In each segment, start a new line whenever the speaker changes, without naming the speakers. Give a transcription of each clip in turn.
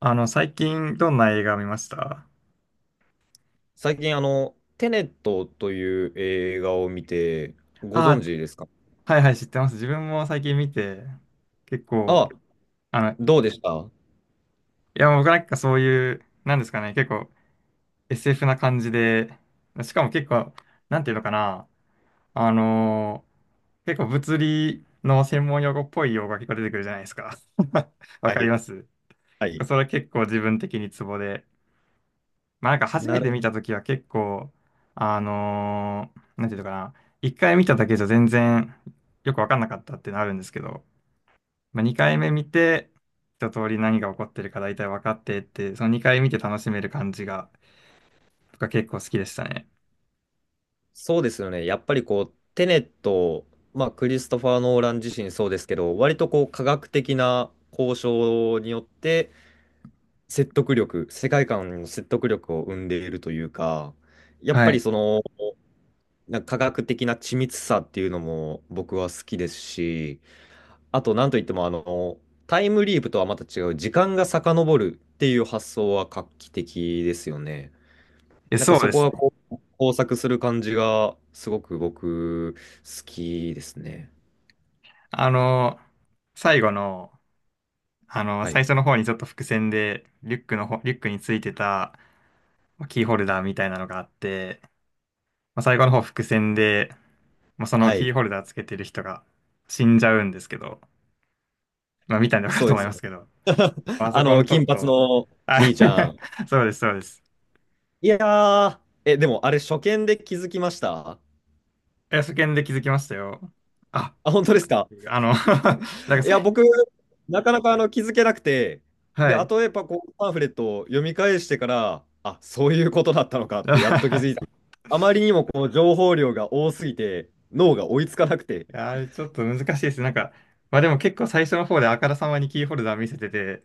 最近どんな映画見ました？
最近、テネットという映画を見て、ご存
あ
知ですか？
あ、はいはい、知ってます。自分も最近見て、結構、
あ、
あの、い
どうでしたは
や、僕なんかそういう、なんですかね、結構 SF な感じで、しかも結構、なんていうのかな、あのー結構物理の専門用語っぽい用語が結構出てくるじゃないですか。わかり
い、
ます。
はい、
それ結構自分的にツボで、まあなんか初
な
め
る
て
ほ
見た
ど。
時は結構、あのなんていうのかな、一回見ただけじゃ全然よくわかんなかったってなるんですけど、まあ、二回目見て、一通り何が起こってるか大体分かってって、その二回見て楽しめる感じが、僕は結構好きでしたね。
そうですよね。やっぱりこう、テネット、まあ、クリストファー・ノーラン自身そうですけど、割とこう、科学的な交渉によって、説得力、世界観の説得力を生んでいるというか、やっ
は
ぱり
い。
その、なんか科学的な緻密さっていうのも僕は好きですし、あと、なんといっても、タイムリープとはまた違う、時間が遡るっていう発想は画期的ですよね。
え、
なんか
そう
そ
で
こ
す
が
ね。
こう交錯する感じが、すごく僕、好きですね。
あのー最後の、
は
最
い。
初の方にちょっと伏線で、リュックについてたまあキーホルダーみたいなのがあって、まあ、最後の方伏線で、まあ、その
は
キ
い。
ーホルダーつけてる人が死んじゃうんですけど、まあ、見たんでわかる
そ
と
うで
思い
す。
ますけど、まあ あそ
あ
この
の、
ちょっ
金髪
と、
の
あ。
兄ちゃん。
そうです、そうです。
いやー、え、でもあれ、初見で気づきました？
え、そ見で気づきましたよ。あ、
あ、本当ですか？
あの なんか
い
さ
や、
い、
僕、なかなか気づけなくて、
は
で、
い。い
後とやっぱこうパンフレットを読み返してから、あ、そういうことだったのかってやっと気づいた。あまりにもこの情報量が多すぎて、脳が追いつかなくて、
や、あれちょっと難しいです。なんか、まあでも結構最初の方であからさまにキーホルダー見せてて、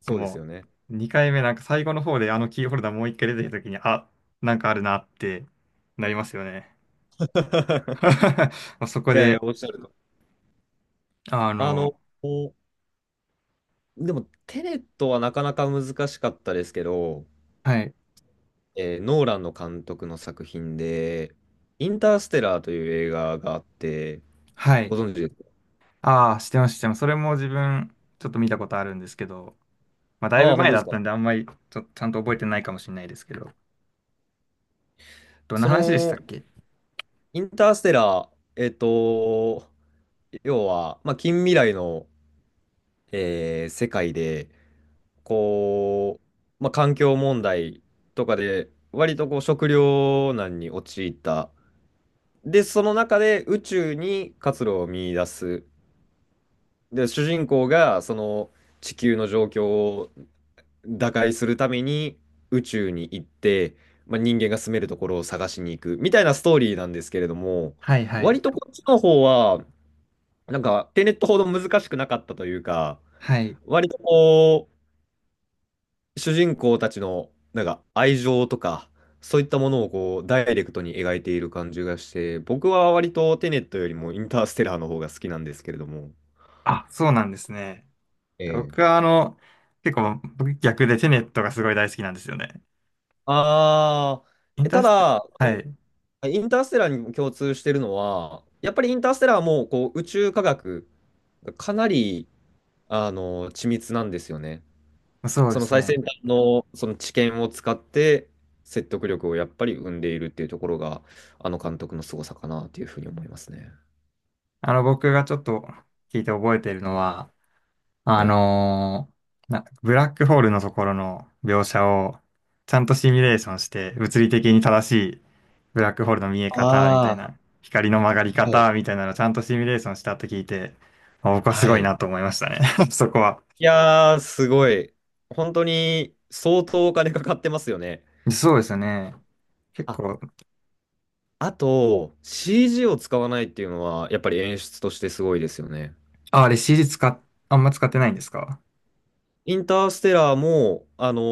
そうです
も
よね。
う2回目なんか最後の方であのキーホルダーもう1回出てきた時に、あ、なんかあるなってなりますよね。そこ
いやいや、
で、
おっしゃると。
あ
あ
の、
の、おでも、テネットはなかなか難しかったですけど、
はい
ノーランの監督の作品で、インターステラーという映画があって、
は
ご
い。
存知ですか？
ああ、知ってます、知ってます。それも自分、ちょっと見たことあるんですけど、まあ、だい
あ
ぶ
あ、本
前
当で
だ
す
っ
か。
たんで、あんまりちょ、ちゃんと覚えてないかもしれないですけど、どんな
そ
話でした
の
っけ？
インターステラー、えっと、要は、まあ、近未来の、世界で、こう、まあ、環境問題とかで、割とこう食糧難に陥った。で、その中で宇宙に活路を見出す。で、主人公がその地球の状況を打開するために宇宙に行って、まあ、人間が住めるところを探しに行くみたいなストーリーなんですけれども、
はい、はい、
割とこっちの方は、なんか、テネットほど難しくなかったというか、
はい。
割とこう、主人公たちの、なんか、愛情とか、そういったものをこう、ダイレクトに描いている感じがして、僕は割とテネットよりもインターステラーの方が好きなんですけれども。
あ、そうなんですね。
ええ。
僕は、結構、僕逆でテネットがすごい大好きなんですよね。
あー
インター
た
ステ、
だ、
は
こ
い。
のインターステラーに共通してるのは、やっぱりインターステラーもこう宇宙科学がかなり緻密なんですよね。
そう
そ
で
の
す
最先
ね。
端のその知見を使って説得力をやっぱり生んでいるっていうところが、あの監督の凄さかなっていうふうに思いますね。
あの、僕がちょっと聞いて覚えているのは、あ
はい。
のーな、ブラックホールのところの描写をちゃんとシミュレーションして物理的に正しいブラックホールの見え方みたい
あ
な光の曲がり
あ、はい。
方みたいなのをちゃんとシミュレーションしたって聞いて、あ、僕はす
は
ごい
い。
なと思いましたね。 そこは。
いやー、すごい。本当に相当お金かかってますよね。
そうですよね。結
あ、
構、
あと、CG を使わないっていうのは、やっぱり演出としてすごいですよね。
あ、あれ CG 使っ、あんま使ってないんですか？
インターステラーも、あの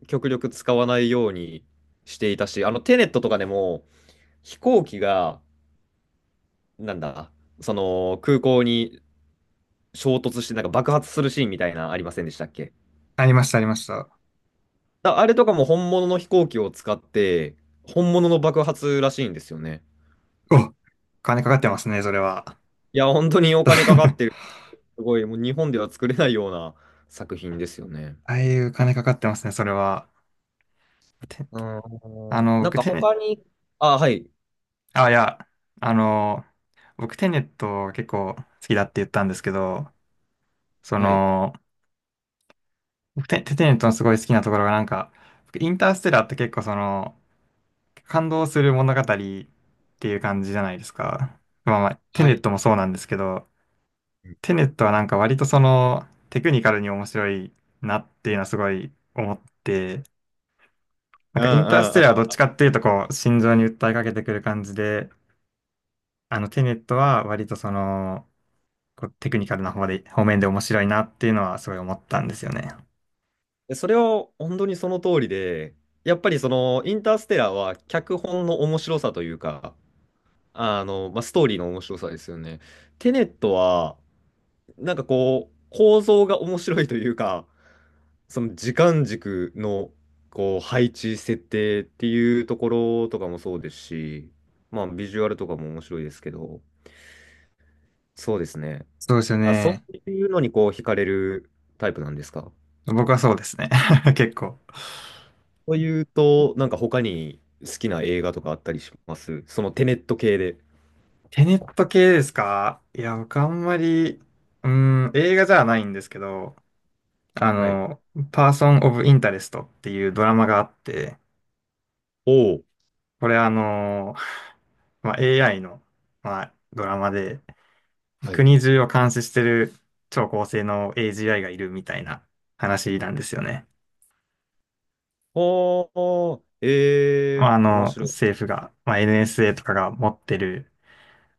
ー極力使わないようにしていたし、テネットとかでも、飛行機がなんだ、その空港に衝突してなんか爆発するシーンみたいなありませんでしたっけ？
ありました、ありました。
だあれとかも本物の飛行機を使って本物の爆発らしいんですよね。
お、金かかってますね、それは。
いや、本当にお金かかってる。すごい、もう日本では作れないような作品ですよね。
ああいう金かかってますね、それは。て
う
あ
ん。
の、
なん
僕、
か
テネ、
他に、あ、はい。
あ、いや、あの、僕テネット結構好きだって言ったんですけど、そ
はい。
の、テネットのすごい好きなところがなんか、僕インターステラーって結構その、感動する物語っていう感じじゃないですか。まあまあ、テ
は
ネッ
い。
トもそうなんですけど、
うん
テネットはなんか割とその、テクニカルに面白いなっていうのはすごい思って、なん
うん
かインタース
う
テ
ん。
ラーはどっちかっていうとこう、心情に訴えかけてくる感じで、あのテネットは割とその、こうテクニカルな方面で面白いなっていうのはすごい思ったんですよね。
でそれは本当にその通りで、やっぱりそのインターステラーは脚本の面白さというか、まあ、ストーリーの面白さですよね。テネットは、なんかこう、構造が面白いというか、その時間軸の、こう、配置、設定っていうところとかもそうですし、まあ、ビジュアルとかも面白いですけど、そうですね。
そうですよ
あ、そ
ね。
ういうのにこう、惹かれるタイプなんですか？
僕はそうですね。結構。
というと、なんか他に好きな映画とかあったりします？そのテネット系で。
テネット系ですか？いや、僕あんまり、うーん、映画じゃないんですけど、あ
はい。
の、パーソン・オブ・インタレストっていうドラマがあって、
おお。
これあの、まあ、AI の、まあ、ドラマで、
はい。
国中を監視してる超高性能 AGI がいるみたいな話なんですよね。
おー、ええ
ま
ー、
あ、あ
面
の、
白い。
政府が、まあ、NSA とかが持ってる、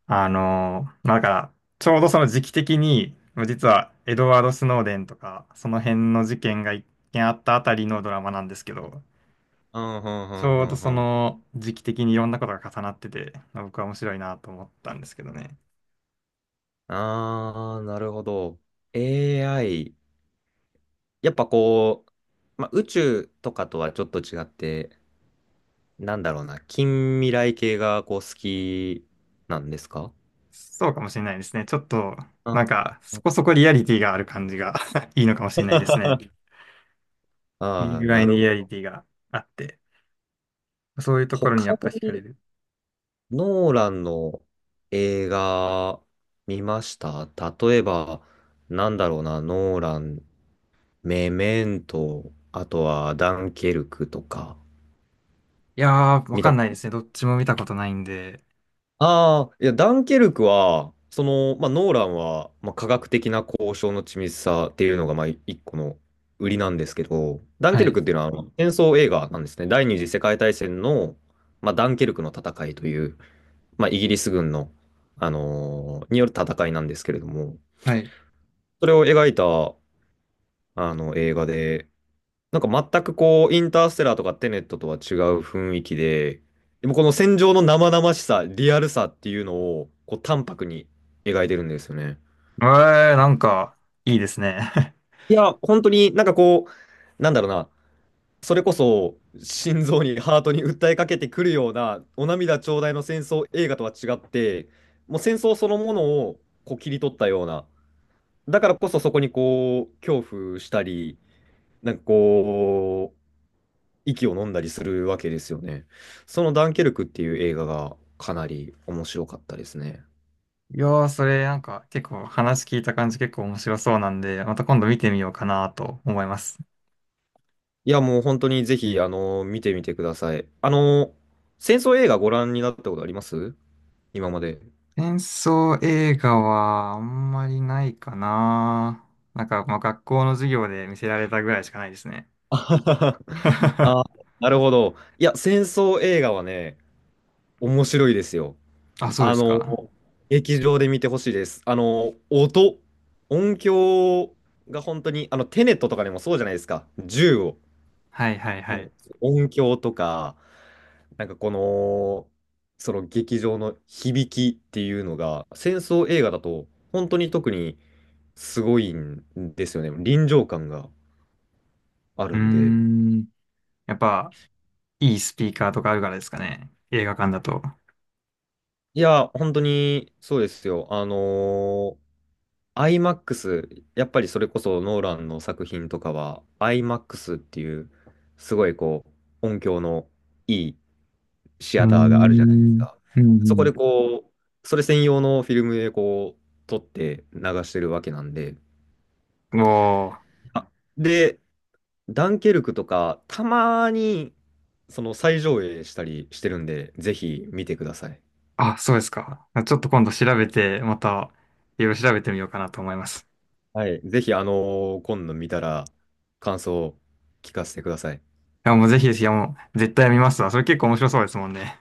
あの、まあ、だから、ちょうどその時期的に、実はエドワード・スノーデンとか、その辺の事件が一件あったあたりのドラマなんですけど、
うん、うん、う
ち
ん、
ょ
う
うど
ん、う
そ
ん。
の時期的にいろんなことが重なってて、まあ僕は面白いなと思ったんですけどね。
あー、なるほど。AI。やっぱこう、まあ、宇宙とかとはちょっと違って、なんだろうな、近未来系がこう好きなんですか？
そうかもしれないですね。ちょっと、
あ
なんか、そこそこリアリティがある感じが いいのかもしれないですね。いい
あー、
具合
な
に
る
リア
ほ
リ
ど。
ティがあって、そういうと
他
ころにやっぱ惹かれ
に
る。
ノーランの映画見ました？例えば、なんだろうな、ノーラン、メメント、あとはダンケルクとか、
いやー、わ
見
か
た？
んないですね。どっちも見たことないんで。
ああ、いや、ダンケルクは、まあ、ノーランは、まあ、科学的な交渉の緻密さっていうのが、まあ、一個の売りなんですけど、ダン
は
ケル
い。
クっていうのは、あの戦争映画なんですね。第二次世界大戦の、まあ、ダンケルクの戦いという、まあ、イギリス軍の、による戦いなんですけれども、
はい。
それを描いた、映画で、なんか全くこう、インターステラーとかテネットとは違う雰囲気で、でもこの戦場の生々しさ、リアルさっていうのを、こう、淡白に描いてるんですよね。
えー、なんか、いいですね。
いや、本当になんかこう、なんだろうな、それこそ心臓に、ハートに訴えかけてくるような、お涙頂戴の戦争映画とは違って、もう戦争そのものをこう切り取ったような、だからこそそこにこう、恐怖したり、なんかこう、息を飲んだりするわけですよね。そのダンケルクっていう映画がかなり面白かったですね。
いやー、それ、なんか、結構話聞いた感じ結構面白そうなんで、また今度見てみようかなと思います。
いや、もう本当にぜひ、見てみてください。戦争映画ご覧になったことあります？今まで。
戦争映画はあんまりないかな。なんか、まあ、学校の授業で見せられたぐらいしかないですね。
あはははあ、 なるほど。いや、戦争映画はね、面白いですよ。
あ、そうで
あ
す
の、
か。
劇場で見てほしいです。音響が本当に、テネットとかでもそうじゃないですか。銃を、
はいはいは
もう
い。
音響とか、なんかその劇場の響きっていうのが、戦争映画だと本当に特にすごいんですよね。臨場感があ
う
る
ー
んで。
ん。やっぱ、いいスピーカーとかあるからですかね。映画館だと。
いや、本当にそうですよ。IMAX、やっぱりそれこそノーランの作品とかは、IMAX っていう、すごいこう、音響のいいシ
うー
アターがあるじゃないです
ん。
か。
う
そこ
ん、
でこう、それ専用のフィルムでこう、撮って流してるわけなんで、
うん。おー。
あで、ダンケルクとか、たまに、その再上映したりしてるんで、ぜひ見てください。
あ、そうですか。ちょっと今度調べて、また、いろいろ調べてみようかなと思います。
はい。ぜひ、今度見たら、感想を聞かせてください。
いや、もうぜひです。いや、もう、絶対見ますわ。それ結構面白そうですもんね。